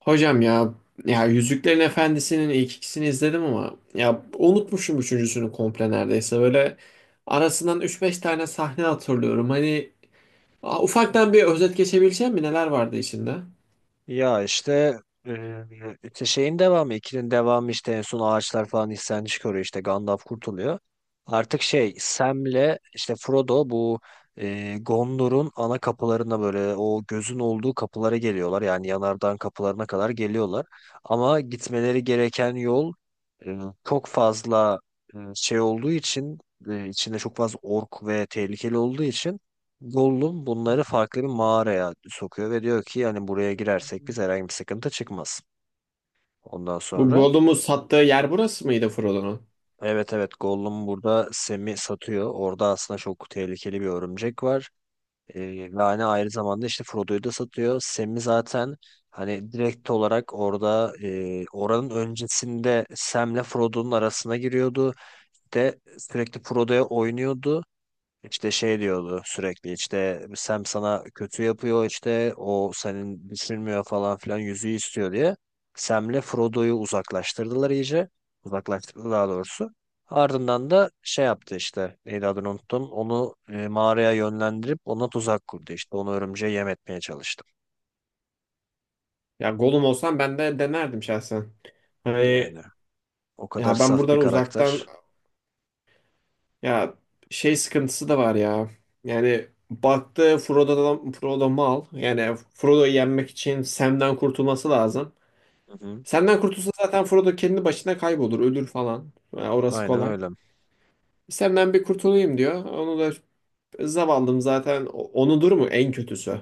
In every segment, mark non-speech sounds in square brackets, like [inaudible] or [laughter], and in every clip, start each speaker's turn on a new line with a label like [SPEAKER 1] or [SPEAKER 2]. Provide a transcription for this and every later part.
[SPEAKER 1] Hocam ya Yüzüklerin Efendisi'nin ilk ikisini izledim, ama ya unutmuşum üçüncüsünü komple neredeyse. Böyle arasından üç beş tane sahne hatırlıyorum. Hani ufaktan bir özet geçebileceğim mi? Neler vardı içinde?
[SPEAKER 2] Ya işte e, işte şeyin devamı, ikinin devamı işte en son ağaçlar falan isyan çıkarıyor, işte Gandalf kurtuluyor. Artık şey Sam'le işte Frodo bu Gondor'un ana kapılarına, böyle o gözün olduğu kapılara geliyorlar. Yani yanardağın kapılarına kadar geliyorlar. Ama gitmeleri gereken yol e, çok fazla şey olduğu için, içinde çok fazla ork ve tehlikeli olduğu için Gollum bunları farklı bir mağaraya sokuyor ve diyor ki yani buraya girersek biz herhangi bir sıkıntı çıkmaz. Ondan
[SPEAKER 1] Bu
[SPEAKER 2] sonra
[SPEAKER 1] Gollum'u sattığı yer burası mıydı Frodo'nun?
[SPEAKER 2] evet, evet, Gollum burada Sam'i satıyor. Orada aslında çok tehlikeli bir örümcek var. Ve hani aynı zamanda işte Frodo'yu da satıyor. Sam'i zaten hani direkt olarak orada, oranın öncesinde Sam'le Frodo'nun arasına giriyordu. De sürekli Frodo'ya oynuyordu. İşte şey diyordu sürekli, işte Sam sana kötü yapıyor, işte o senin düşünmüyor falan filan, yüzüğü istiyor diye. Sam'le Frodo'yu uzaklaştırdılar iyice. Uzaklaştırdı daha doğrusu. Ardından da şey yaptı, işte neydi, adını unuttum. Onu mağaraya yönlendirip ona tuzak kurdu işte. Onu örümceğe yem etmeye çalıştı.
[SPEAKER 1] Ya Gollum olsam ben de denerdim şahsen. Hani
[SPEAKER 2] Yani o kadar
[SPEAKER 1] ya, ben
[SPEAKER 2] saf bir
[SPEAKER 1] buradan uzaktan,
[SPEAKER 2] karakter.
[SPEAKER 1] ya, şey sıkıntısı da var ya. Yani baktı, Frodo'dan Frodo mal. Yani Frodo'yu yenmek için Sam'den kurtulması lazım.
[SPEAKER 2] Hı hı.
[SPEAKER 1] Sam'den kurtulsa zaten Frodo kendi başına kaybolur, ölür falan. Ya orası
[SPEAKER 2] Aynen
[SPEAKER 1] kolay.
[SPEAKER 2] öyle.
[SPEAKER 1] Sam'den bir kurtulayım diyor. Onu da zavallım, zaten onudur mu en kötüsü.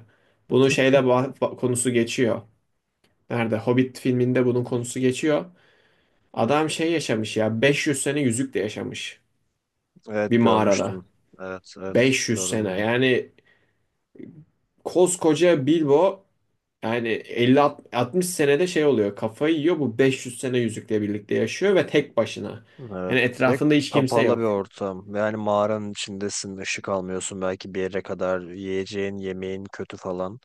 [SPEAKER 1] Bunu şeyde konusu geçiyor. Nerede? Hobbit filminde bunun konusu geçiyor. Adam şey yaşamış ya, 500 sene yüzükle yaşamış bir
[SPEAKER 2] Evet,
[SPEAKER 1] mağarada.
[SPEAKER 2] görmüştüm. Evet, evet,
[SPEAKER 1] 500
[SPEAKER 2] gördüm
[SPEAKER 1] sene
[SPEAKER 2] bunu.
[SPEAKER 1] yani, koskoca Bilbo, yani 50-60 senede şey oluyor, kafayı yiyor, bu 500 sene yüzükle birlikte yaşıyor ve tek başına. Hani
[SPEAKER 2] Evet. Ve
[SPEAKER 1] etrafında hiç kimse
[SPEAKER 2] kapalı bir
[SPEAKER 1] yok.
[SPEAKER 2] ortam. Yani mağaranın içindesin, ışık almıyorsun belki bir yere kadar. Yiyeceğin, yemeğin kötü falan.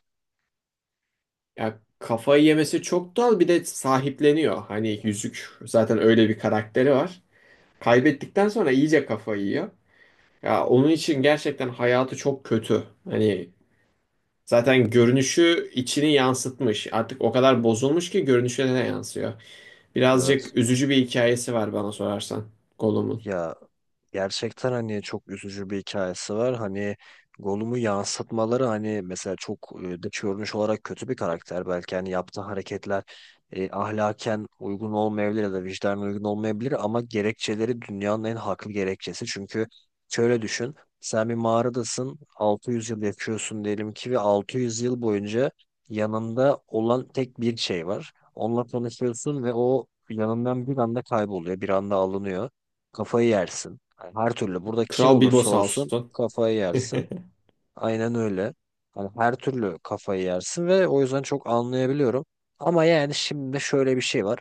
[SPEAKER 1] Ya kafayı yemesi çok doğal, bir de sahipleniyor. Hani yüzük zaten öyle bir karakteri var. Kaybettikten sonra iyice kafayı yiyor. Ya onun için gerçekten hayatı çok kötü. Hani zaten görünüşü içini yansıtmış. Artık o kadar bozulmuş ki görünüşüne de yansıyor.
[SPEAKER 2] Evet.
[SPEAKER 1] Birazcık üzücü bir hikayesi var bana sorarsan, Gollum'un.
[SPEAKER 2] Ya gerçekten hani çok üzücü bir hikayesi var. Hani Gollum'u yansıtmaları, hani mesela çok dış görünüş olarak kötü bir karakter. Belki hani yaptığı hareketler ahlaken uygun olmayabilir ya da vicdanen uygun olmayabilir ama gerekçeleri dünyanın en haklı gerekçesi. Çünkü şöyle düşün. Sen bir mağaradasın, 600 yıl yaşıyorsun diyelim ki ve 600 yıl boyunca yanında olan tek bir şey var. Onunla tanışıyorsun ve o yanından bir anda kayboluyor, bir anda alınıyor. Kafayı yersin. Hani her türlü, burada kim
[SPEAKER 1] Kral Bilbo
[SPEAKER 2] olursa
[SPEAKER 1] sağ
[SPEAKER 2] olsun
[SPEAKER 1] olsun.
[SPEAKER 2] kafayı yersin.
[SPEAKER 1] [laughs]
[SPEAKER 2] Aynen öyle. Hani her türlü kafayı yersin ve o yüzden çok anlayabiliyorum. Ama yani şimdi şöyle bir şey var.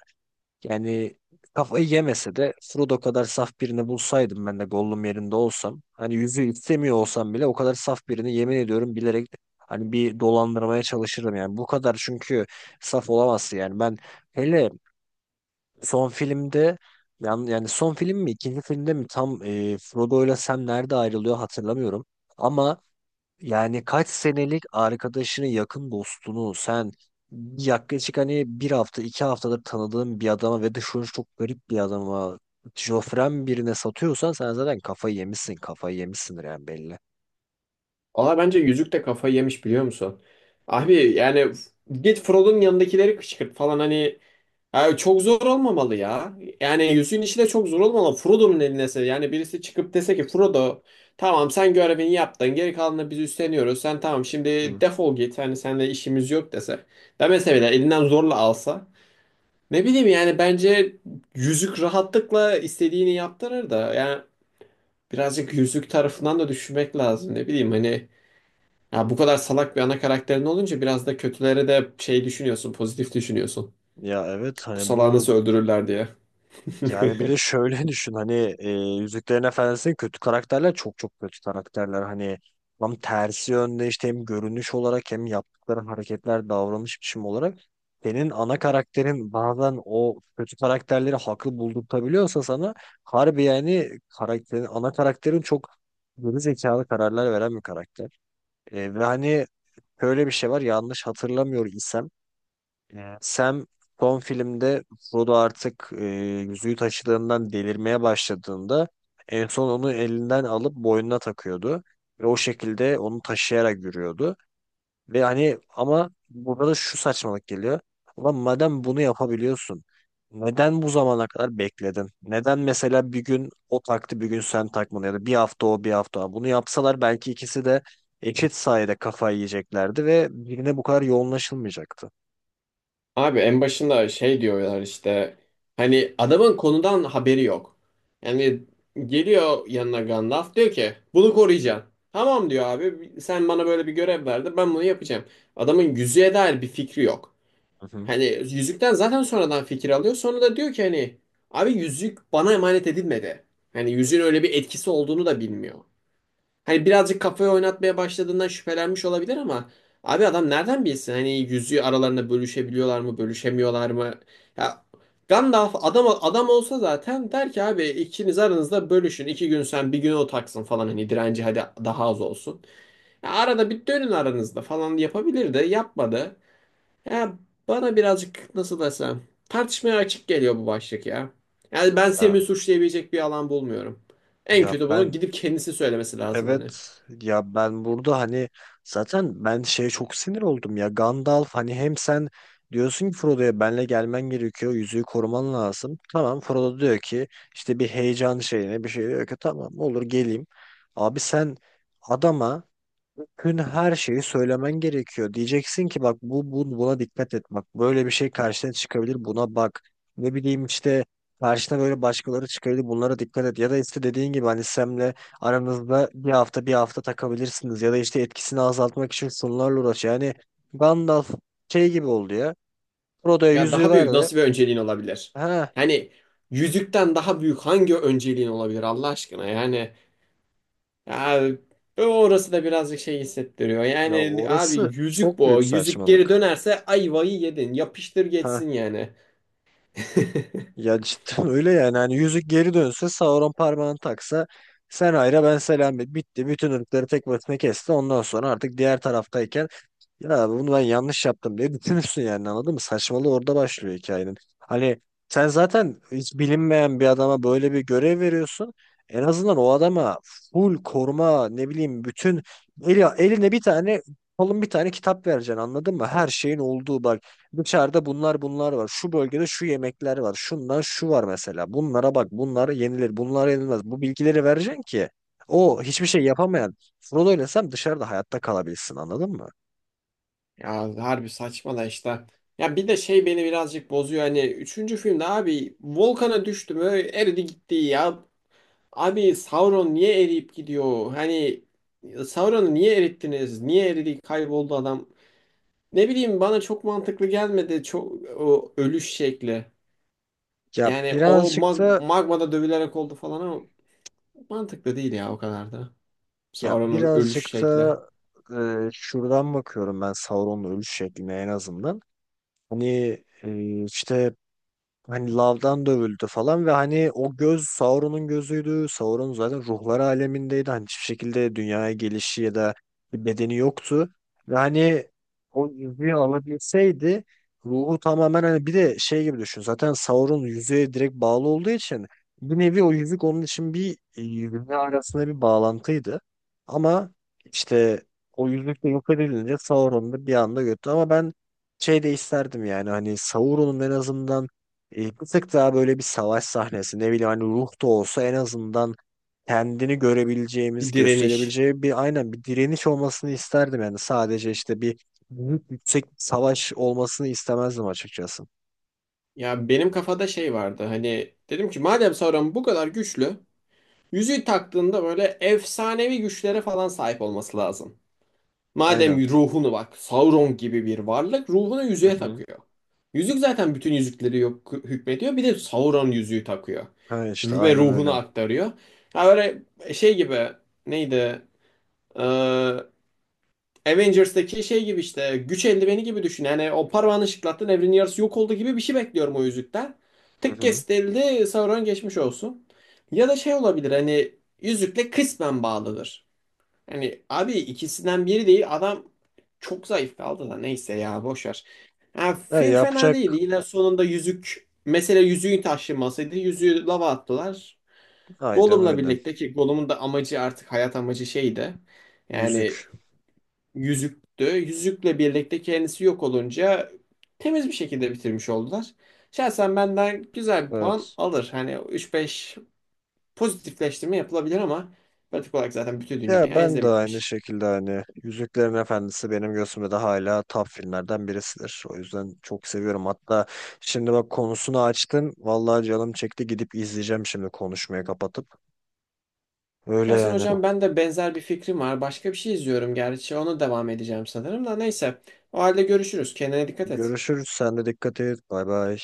[SPEAKER 2] Yani kafayı yemese de Frodo kadar saf birini bulsaydım ben de, Gollum yerinde olsam. Hani yüzü istemiyor olsam bile o kadar saf birini, yemin ediyorum, bilerek hani bir dolandırmaya çalışırdım, yani. Bu kadar, çünkü saf olamazsın yani. Ben hele son filmde yani son film mi ikinci filmde mi tam, Frodo ile Sam nerede ayrılıyor hatırlamıyorum. Ama yani kaç senelik arkadaşını, yakın dostunu sen yaklaşık hani bir hafta 2 haftadır tanıdığın bir adama ve dışarı çok garip bir adama, şofren birine satıyorsan sen zaten kafayı yemişsin, kafayı yemişsindir yani, belli.
[SPEAKER 1] Valla bence Yüzük de kafayı yemiş, biliyor musun? Abi yani, git Frodo'nun yanındakileri kışkırt falan, hani, abi çok zor olmamalı ya. Yani yüzüğün işi de çok zor olmamalı. Frodo'nun eline yani, birisi çıkıp dese ki, Frodo, tamam sen görevini yaptın, geri kalanını biz üstleniyoruz. Sen tamam, şimdi
[SPEAKER 2] Hı.
[SPEAKER 1] defol git, hani seninle işimiz yok dese. Demese bile elinden zorla alsa. Ne bileyim yani, bence yüzük rahatlıkla istediğini yaptırır da, yani birazcık yüzük tarafından da düşünmek lazım. Ne bileyim hani, ya bu kadar salak bir ana karakterin olunca biraz da kötülere de şey düşünüyorsun, pozitif düşünüyorsun.
[SPEAKER 2] Ya evet,
[SPEAKER 1] Bu
[SPEAKER 2] hani
[SPEAKER 1] salağı
[SPEAKER 2] bu.
[SPEAKER 1] nasıl öldürürler diye.
[SPEAKER 2] Yani bir de
[SPEAKER 1] [laughs]
[SPEAKER 2] şöyle [laughs] düşün, hani, Yüzüklerin Efendisi'nin kötü karakterler çok çok kötü karakterler. Hani tam tersi yönde işte, hem görünüş olarak hem yaptıkları hareketler, davranış biçimi olarak senin ana karakterin bazen o kötü karakterleri haklı buldurtabiliyorsa sana, harbi yani ana karakterin çok geri zekalı kararlar veren bir karakter. Ve hani böyle bir şey var, yanlış hatırlamıyor isem Sam son filmde, Frodo artık yüzüğü taşıdığından delirmeye başladığında en son onu elinden alıp boynuna takıyordu. Ve o şekilde onu taşıyarak yürüyordu. Ve hani ama burada da şu saçmalık geliyor. Ulan madem bunu yapabiliyorsun, neden bu zamana kadar bekledin? Neden mesela bir gün o taktı bir gün sen takmadın, ya da bir hafta o bir hafta o? Bunu yapsalar belki ikisi de eşit sayede kafayı yiyeceklerdi ve birine bu kadar yoğunlaşılmayacaktı.
[SPEAKER 1] Abi en başında şey diyorlar işte, hani adamın konudan haberi yok. Yani geliyor yanına Gandalf, diyor ki bunu koruyacaksın. Tamam diyor, abi sen bana böyle bir görev verdin, ben bunu yapacağım. Adamın yüzüğe dair bir fikri yok.
[SPEAKER 2] Hı
[SPEAKER 1] Hani yüzükten zaten sonradan fikir alıyor, sonra da diyor ki hani, abi yüzük bana emanet edilmedi. Hani yüzüğün öyle bir etkisi olduğunu da bilmiyor. Hani birazcık kafayı oynatmaya başladığından şüphelenmiş olabilir ama, abi adam nereden bilsin, hani yüzüğü aralarında bölüşebiliyorlar mı, bölüşemiyorlar mı? Ya Gandalf adam adam olsa zaten der ki, abi ikiniz aranızda bölüşün, iki gün sen bir gün o taksın falan, hani direnci hadi daha az olsun. Ya arada bir dönün aranızda falan, yapabilir de yapmadı. Ya bana birazcık, nasıl desem, tartışmaya açık geliyor bu başlık ya. Yani ben
[SPEAKER 2] hı.
[SPEAKER 1] Semih suçlayabilecek bir alan bulmuyorum. En
[SPEAKER 2] Ya
[SPEAKER 1] kötü bunu
[SPEAKER 2] ben
[SPEAKER 1] gidip kendisi söylemesi lazım, hani.
[SPEAKER 2] evet ya ben burada hani, zaten ben şeye çok sinir oldum ya, Gandalf hani, hem sen diyorsun ki Frodo'ya, benle gelmen gerekiyor, yüzüğü koruman lazım. Tamam, Frodo diyor ki işte bir heyecan şeyine bir şey, diyor ki tamam olur geleyim. Abi sen adama tüm her şeyi söylemen gerekiyor. Diyeceksin ki bak bu, buna dikkat et, bak böyle bir şey karşına çıkabilir, buna bak. Ne bileyim işte karşına böyle başkaları çıkabilir, bunlara dikkat et. Ya da işte dediğin gibi hani Sem'le aranızda bir hafta bir hafta takabilirsiniz. Ya da işte etkisini azaltmak için sunularla uğraş. Yani Gandalf şey gibi oldu ya. Frodo'ya
[SPEAKER 1] Ya
[SPEAKER 2] yüzüğü
[SPEAKER 1] daha büyük
[SPEAKER 2] verdi.
[SPEAKER 1] nasıl bir önceliğin olabilir?
[SPEAKER 2] Ha,
[SPEAKER 1] Yani yüzükten daha büyük hangi önceliğin olabilir Allah aşkına? Yani ya, orası da birazcık şey hissettiriyor.
[SPEAKER 2] ya
[SPEAKER 1] Yani abi
[SPEAKER 2] orası
[SPEAKER 1] yüzük
[SPEAKER 2] çok
[SPEAKER 1] bu.
[SPEAKER 2] büyük
[SPEAKER 1] Yüzük geri
[SPEAKER 2] saçmalık.
[SPEAKER 1] dönerse ayvayı yedin. Yapıştır geçsin yani. [laughs]
[SPEAKER 2] Ya cidden [laughs] öyle yani. Hani yüzük geri dönse, Sauron parmağını taksa, sen hayra ben selam et. Bitti. Bütün ırkları tek başına kesti. Ondan sonra artık diğer taraftayken ya bunu ben yanlış yaptım diye düşünürsün yani, anladın mı? Saçmalığı orada başlıyor hikayenin. Hani sen zaten hiç bilinmeyen bir adama böyle bir görev veriyorsun. En azından o adama full koruma, ne bileyim, bütün eline bir tane kalın bir tane kitap vereceksin, anladın mı? Her şeyin olduğu, bak dışarıda bunlar var. Şu bölgede şu yemekler var. Şundan şu var mesela. Bunlara bak, bunlar yenilir bunlar yenilmez. Bu bilgileri vereceksin ki o hiçbir şey yapamayan Frodo ile Sam dışarıda hayatta kalabilsin, anladın mı?
[SPEAKER 1] Ya harbi saçma da işte. Ya bir de şey beni birazcık bozuyor. Hani üçüncü filmde, abi volkana düştü mü eridi gitti ya. Abi Sauron niye eriyip gidiyor? Hani Sauron'u niye erittiniz? Niye eridi, kayboldu adam? Ne bileyim, bana çok mantıklı gelmedi çok o ölüş şekli.
[SPEAKER 2] Ya
[SPEAKER 1] Yani o
[SPEAKER 2] birazcık da
[SPEAKER 1] magmada dövülerek oldu falan ama, mantıklı değil ya o kadar da.
[SPEAKER 2] ya
[SPEAKER 1] Sauron'un
[SPEAKER 2] birazcık
[SPEAKER 1] ölüş şekli.
[SPEAKER 2] da şuradan bakıyorum ben Sauron'un ölüş şekline, en azından. Hani, işte hani lavdan dövüldü falan ve hani o göz Sauron'un gözüydü. Sauron zaten ruhlar alemindeydi. Hani hiçbir şekilde dünyaya gelişi ya da bir bedeni yoktu. Ve hani o yüzüğü alabilseydi ruhu tamamen, hani bir de şey gibi düşün. Zaten Sauron yüzüğe direkt bağlı olduğu için bir nevi o yüzük onun için bir, yüzüğü arasında bir bağlantıydı. Ama işte o yüzük de yok edilince Sauron da bir anda götü. Ama ben şey de isterdim yani, hani Sauron'un en azından bir tık daha böyle bir savaş sahnesi, ne bileyim hani ruh da olsa en azından kendini görebileceğimiz,
[SPEAKER 1] Bir direniş.
[SPEAKER 2] gösterebileceği bir, aynen, bir direniş olmasını isterdim. Yani sadece işte bir büyük yüksek bir savaş olmasını istemezdim açıkçası.
[SPEAKER 1] Ya benim kafada şey vardı, hani dedim ki madem Sauron bu kadar güçlü, yüzüğü taktığında böyle efsanevi güçlere falan sahip olması lazım.
[SPEAKER 2] Aynen.
[SPEAKER 1] Madem ruhunu, bak Sauron gibi bir varlık ruhunu
[SPEAKER 2] Hı
[SPEAKER 1] yüzüğe
[SPEAKER 2] hı.
[SPEAKER 1] takıyor. Yüzük zaten bütün yüzükleri yok, hükmediyor. Bir de Sauron yüzüğü takıyor.
[SPEAKER 2] Ha, işte
[SPEAKER 1] Ve
[SPEAKER 2] aynen
[SPEAKER 1] ruhunu
[SPEAKER 2] öyle.
[SPEAKER 1] aktarıyor. Ha böyle şey gibi, neydi? Ee, Avengers'taki şey gibi, işte güç eldiveni gibi düşün. Yani o parmağını şıklattın, evrenin yarısı yok oldu gibi bir şey bekliyorum o yüzükten.
[SPEAKER 2] Hı
[SPEAKER 1] Tık
[SPEAKER 2] hı.
[SPEAKER 1] kestildi, Sauron geçmiş olsun. Ya da şey olabilir hani, yüzükle kısmen bağlıdır. Hani abi, ikisinden biri değil, adam çok zayıf kaldı da, neyse ya, boş ver. Ha,
[SPEAKER 2] Ha,
[SPEAKER 1] film fena değildi. Yine sonunda yüzük mesele, yüzüğün taşınmasıydı. Yüzüğü lava attılar.
[SPEAKER 2] aynen
[SPEAKER 1] Gollum'la
[SPEAKER 2] öyle.
[SPEAKER 1] birlikte, ki Gollum'un da amacı, artık hayat amacı şeydi. Yani
[SPEAKER 2] Yüzük.
[SPEAKER 1] yüzüktü. Yüzükle birlikte kendisi yok olunca temiz bir şekilde bitirmiş oldular. Şahsen benden güzel bir puan
[SPEAKER 2] Evet.
[SPEAKER 1] alır. Hani üç beş pozitifleştirme yapılabilir ama, pratik olarak zaten bütün
[SPEAKER 2] Ya
[SPEAKER 1] dünya
[SPEAKER 2] ben de aynı
[SPEAKER 1] izlemiş.
[SPEAKER 2] şekilde hani Yüzüklerin Efendisi benim gözümde de hala top filmlerden birisidir. O yüzden çok seviyorum. Hatta şimdi bak, konusunu açtın. Vallahi canım çekti, gidip izleyeceğim şimdi, konuşmayı kapatıp. Öyle
[SPEAKER 1] Şahsen
[SPEAKER 2] yani.
[SPEAKER 1] hocam ben de, benzer bir fikrim var. Başka bir şey izliyorum gerçi. Ona devam edeceğim sanırım da, neyse. O halde görüşürüz. Kendine dikkat et.
[SPEAKER 2] Görüşürüz. Sen de dikkat et. Bay bay.